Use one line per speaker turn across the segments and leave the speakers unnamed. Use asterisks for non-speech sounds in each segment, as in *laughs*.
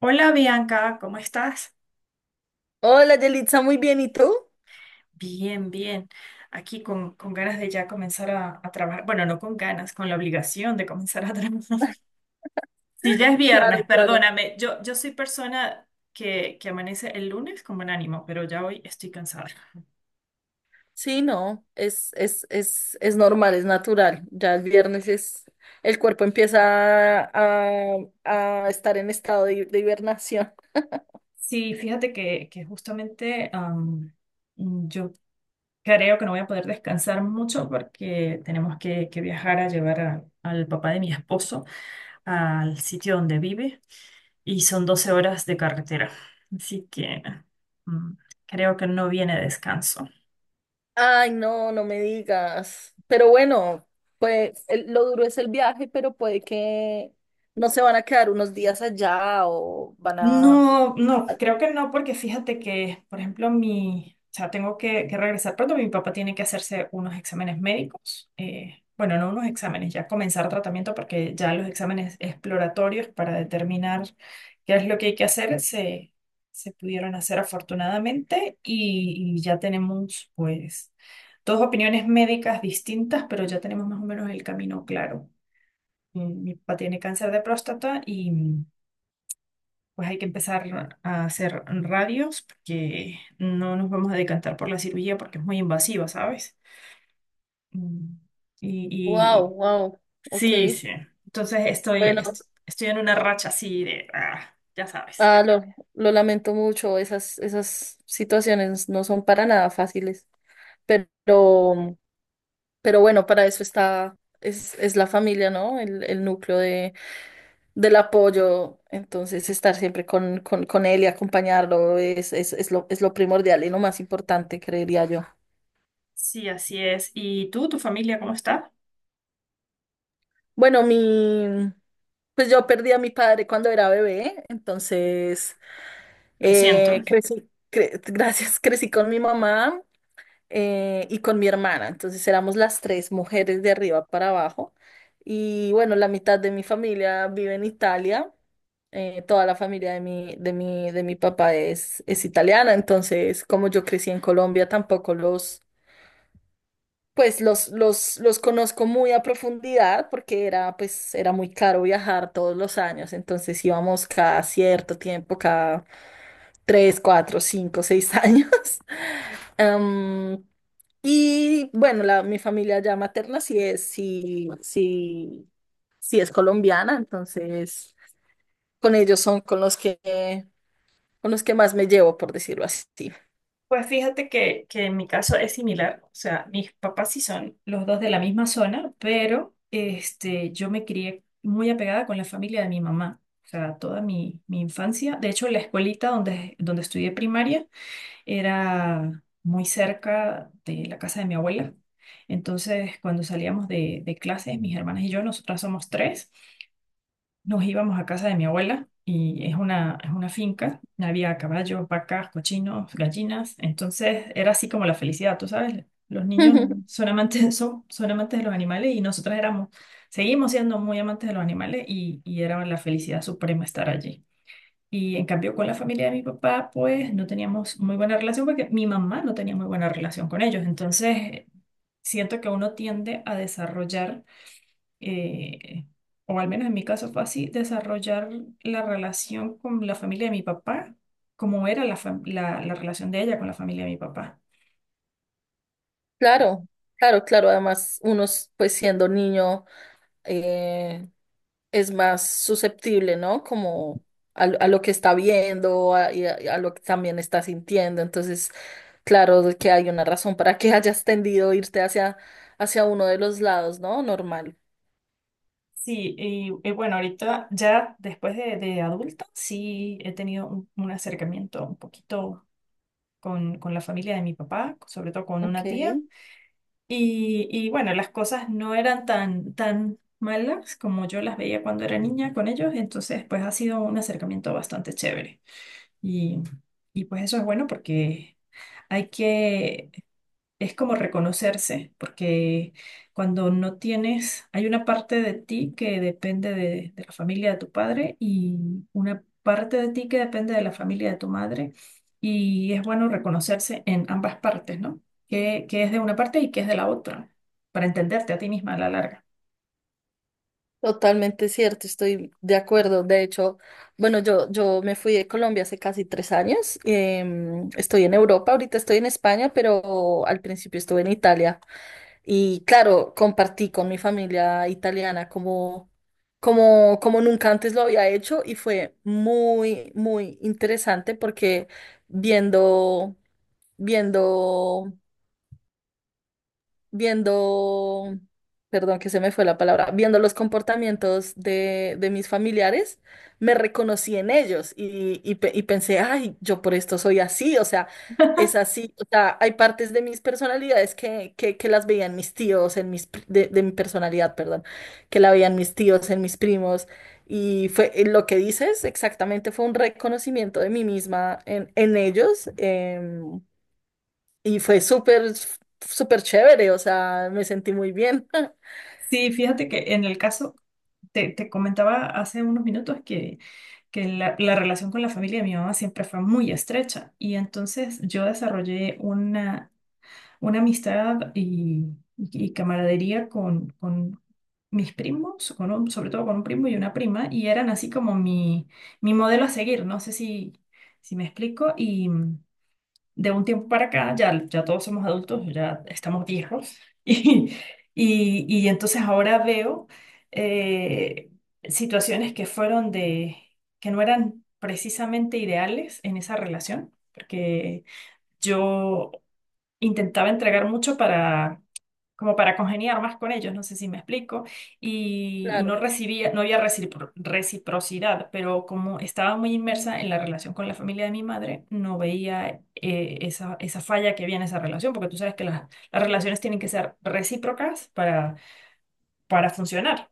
Hola Bianca, ¿cómo estás?
Hola, Yelitza, muy bien, ¿y tú?
Bien, bien. Aquí con ganas de ya comenzar a trabajar. Bueno, no con ganas, con la obligación de comenzar a trabajar. *laughs* Si ya es
Claro,
viernes,
claro.
perdóname. Yo soy persona que amanece el lunes con buen ánimo, pero ya hoy estoy cansada.
Sí, no, es normal, es natural. Ya el viernes es, el cuerpo empieza a estar en estado de hibernación.
Sí, fíjate que justamente yo creo que no voy a poder descansar mucho porque tenemos que viajar a llevar al papá de mi esposo, al sitio donde vive, y son 12 horas de carretera. Así que mm, creo que no viene descanso.
Ay, no, no me digas. Pero bueno, pues lo duro es el viaje, pero puede que no se van a quedar unos días allá o van a...
No, no, creo que no, porque fíjate que, por ejemplo, o sea, tengo que regresar pronto, mi papá tiene que hacerse unos exámenes médicos, bueno, no unos exámenes, ya comenzar tratamiento, porque ya los exámenes exploratorios para determinar qué es lo que hay que hacer se pudieron hacer afortunadamente y ya tenemos, pues, dos opiniones médicas distintas, pero ya tenemos más o menos el camino claro. Mi papá tiene cáncer de próstata, y pues hay que empezar a hacer radios porque no nos vamos a decantar por la cirugía porque es muy invasiva, ¿sabes? Mm, Y, y-
Wow,
y-
wow, ok.
sí, sí. Entonces
Bueno.
estoy en una racha así de, ah, ya sabes.
Ah, lo lamento mucho, esas situaciones no son para nada fáciles, pero, pero bueno, para eso está, es la familia, ¿no? El núcleo de, del apoyo, entonces estar siempre con él y acompañarlo es lo primordial y lo más importante, creería yo.
Sí, así es. ¿Y tú, tu familia, cómo está?
Bueno, mi, pues yo perdí a mi padre cuando era bebé, entonces
Lo siento.
gracias, *laughs* crecí con mi mamá y con mi hermana. Entonces éramos las tres mujeres de arriba para abajo. Y bueno, la mitad de mi familia vive en Italia. Toda la familia de mi papá es italiana. Entonces, como yo crecí en Colombia, tampoco los, pues los conozco muy a profundidad porque era, pues, era muy caro viajar todos los años. Entonces íbamos cada cierto tiempo, cada tres, cuatro, cinco, seis años. *laughs* Em, y bueno, la, mi familia ya materna sí es, sí es colombiana, entonces con ellos son con con los que más me llevo, por decirlo así.
Pues fíjate que en mi caso es similar, o sea, mis papás sí son los dos de la misma zona, pero este, yo me crié muy apegada con la familia de mi mamá, o sea, toda mi infancia. De hecho, la escuelita donde estudié primaria era muy cerca de la casa de mi abuela. Entonces, cuando salíamos de clases, mis hermanas y yo, nosotras somos tres, nos íbamos a casa de mi abuela y es una finca, había caballos, vacas, cochinos, gallinas, entonces era así como la felicidad, tú sabes, los niños
*laughs*
son amantes *laughs* son amantes de los animales, y nosotras éramos, seguimos siendo muy amantes de los animales, y era la felicidad suprema estar allí. Y en cambio con la familia de mi papá, pues no teníamos muy buena relación porque mi mamá no tenía muy buena relación con ellos, entonces siento que uno tiende a desarrollar eh, o al menos en mi caso fue así, desarrollar la relación con la familia de mi papá, como era la relación de ella con la familia de mi papá.
Claro, claro, claro. Además, pues siendo niño, eh, es más susceptible, ¿no? Como a lo que está viendo y a lo que también está sintiendo. Entonces, claro de que hay una razón para que *laughs* hayas tendido a irte hacia uno de los lados, ¿no? Normal.
Sí, y bueno, ahorita ya después de adulta, sí he tenido un acercamiento un poquito con la familia de mi papá, sobre todo con
Ok,
una tía. Y bueno, las cosas no eran tan malas como yo las veía cuando era niña con ellos, entonces pues ha sido un acercamiento bastante chévere. Y, y pues eso es bueno porque hay que, es como reconocerse, porque cuando no tienes, hay una parte de ti que depende de la familia de tu padre y una parte de ti que depende de la familia de tu madre. Y es bueno reconocerse en ambas partes, ¿no? Que es de una parte y que es de la otra, para entenderte a ti misma a la larga.
totalmente cierto, estoy de acuerdo. De hecho, bueno, yo me fui de Colombia hace casi tres años. Estoy en Europa, ahorita estoy en España, pero al principio estuve en Italia. Y claro, compartí con mi familia italiana como nunca antes lo había hecho y fue muy, muy interesante porque viendo, viendo viendo, perdón que se me fue la palabra, viendo los comportamientos de mis familiares, me reconocí en ellos y, y pensé, ay, yo por esto soy así, o sea, es así, o sea, hay partes de mis personalidades que las veían mis tíos, en de mi personalidad, perdón, que la veían mis tíos, en mis primos. Y fue lo que dices, exactamente fue un reconocimiento de mí misma en ellos. Y fue súper, súper chévere, o sea, me sentí muy bien. *laughs*
Sí, fíjate que en el caso, te comentaba hace unos minutos la relación con la familia de mi mamá siempre fue muy estrecha y entonces yo desarrollé una amistad y camaradería con mis primos, sobre todo con un primo y una prima, y eran así como mi modelo a seguir, no sé si me explico, y de un tiempo para acá, ya, ya todos somos adultos, ya estamos viejos, *laughs* y, y entonces ahora veo eh, situaciones que fueron que no eran precisamente ideales en esa relación, porque yo intentaba entregar mucho para, como para congeniar más con ellos, no sé si me explico, y no
Claro,
recibía, no había reciprocidad, pero como estaba muy inmersa en la relación con la familia de mi madre, no veía esa, esa falla que había en esa relación, porque tú sabes que las relaciones tienen que ser recíprocas para funcionar,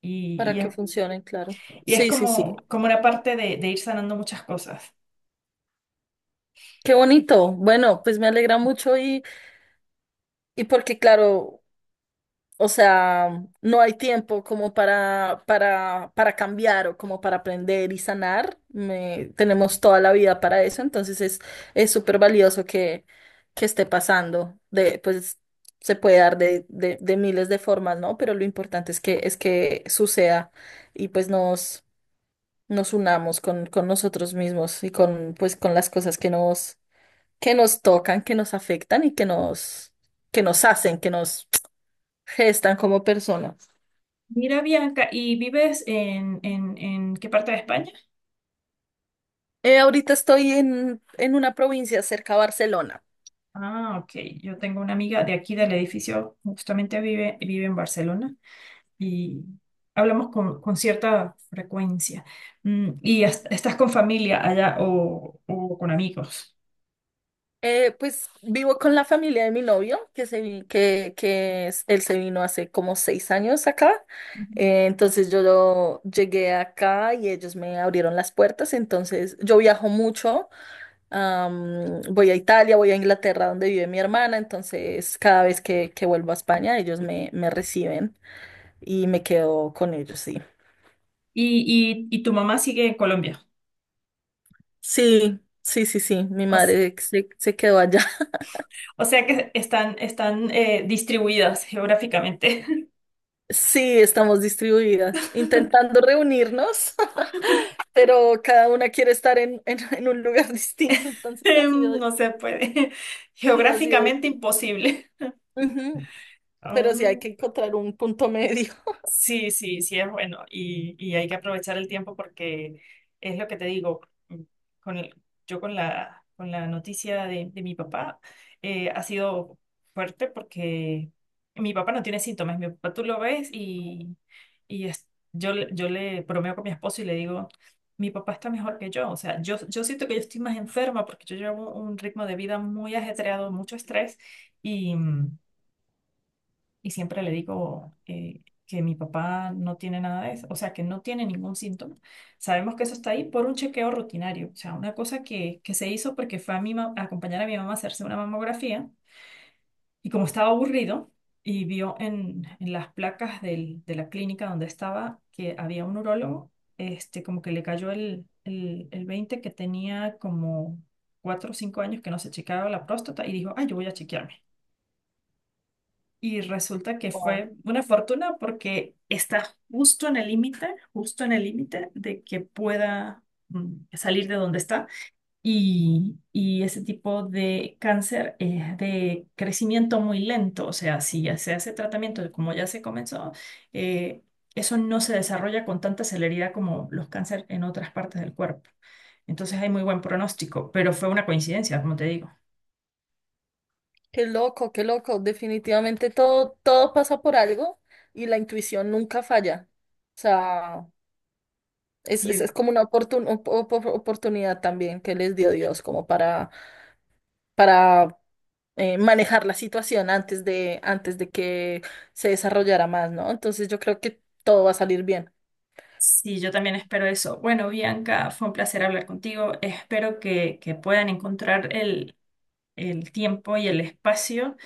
y,
para
y es,
que funcionen, claro.
y es
Sí, sí, sí.
como, como una parte de ir sanando muchas cosas.
Qué bonito. Bueno, pues me alegra mucho y porque, claro, o sea, no hay tiempo como para, para cambiar o como para aprender y sanar. Me- tenemos toda la vida para eso, entonces es súper valioso que esté pasando. De, pues se puede dar de miles de formas, ¿no? Pero lo importante es que suceda y pues nos, nos unamos con nosotros mismos y con, pues, con las cosas que nos tocan, que nos afectan y que nos hacen, que nos gestan como personas.
Mira, Bianca, ¿y vives en qué parte de España?
Ahorita estoy en una provincia cerca a Barcelona.
Ah, ok. Yo tengo una amiga de aquí del edificio, justamente vive, vive en Barcelona y hablamos con cierta frecuencia. ¿Y estás con familia allá o con amigos?
Pues vivo con la familia de mi novio, que, se, vi- que es- él se vino hace como seis años acá.
Ujú.
Entonces llegué acá y ellos me abrieron las puertas. Entonces yo viajo mucho. Voy a Italia, voy a Inglaterra, donde vive mi hermana. Entonces cada vez que vuelvo a España, me reciben y me quedo con ellos, sí.
Y tu mamá sigue en Colombia.
Sí, mi
O, s-
madre se, se quedó allá.
o sea que están, están distribuidas geográficamente.
Sí, estamos distribuidas,
*laughs*
intentando reunirnos, *laughs* pero cada una quiere estar en un lugar *laughs* distinto, entonces ha sido,
No se puede. *laughs*
sí, ha sido,
Geográficamente imposible.
ujú, pero sí hay que
*laughs*
encontrar un punto medio. *laughs*
Sí, sí, sí es bueno y hay que aprovechar el tiempo porque es lo que te digo, mm, con el- yo con con la noticia de mi papá ha sido fuerte porque mi papá no tiene síntomas, mi papá tú lo ves y, y es- yo, yo le bromeo con mi esposo y le digo, mi papá está mejor que yo, o sea, yo siento que yo estoy más enferma porque yo llevo un ritmo de vida muy ajetreado, mucho estrés, y siempre le digo que mi papá no tiene nada de eso, o sea, que no tiene ningún síntoma. Sabemos que eso está ahí por un chequeo rutinario, o sea, una cosa que se hizo porque fue a, a acompañar a mi mamá a hacerse una mamografía, y como estaba aburrido y vio en las placas de la clínica donde estaba que había un urólogo, este, como que le cayó el 20 que tenía como 4 o 5 años que no se chequeaba la próstata y dijo, ay, yo voy a chequearme. Y resulta que
Wow.
fue una fortuna porque está justo en el límite, justo en el límite de que pueda salir de donde está. Y ese tipo de cáncer es de crecimiento muy lento. O sea, si ya se hace tratamiento, de como ya se comenzó, eh, eso no se desarrolla con tanta celeridad como los cánceres en otras partes del cuerpo. Entonces hay muy buen pronóstico, pero fue una coincidencia, como te digo.
Qué loco, definitivamente todo, todo pasa por algo y la intuición nunca falla. O sea,
Sí,
es como una oportunidad también que les dio Dios como para manejar la situación antes de que se desarrollara más, ¿no? Entonces yo creo que todo va a salir bien.
sí, yo también espero eso. Bueno, Bianca, fue un placer hablar contigo. Espero que puedan encontrar el tiempo y el espacio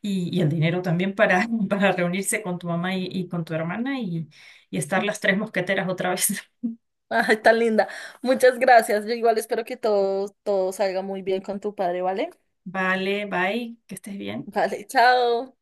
y el dinero también para, *laughs* para reunirse con tu mamá y con tu hermana y estar las tres mosqueteras otra vez.
*laughs* Ay, tan linda. Muchas gracias. Yo igual espero que todo, todo salga muy bien con tu padre, ¿vale?
*laughs* Vale, bye, que estés bien.
Vale, chao.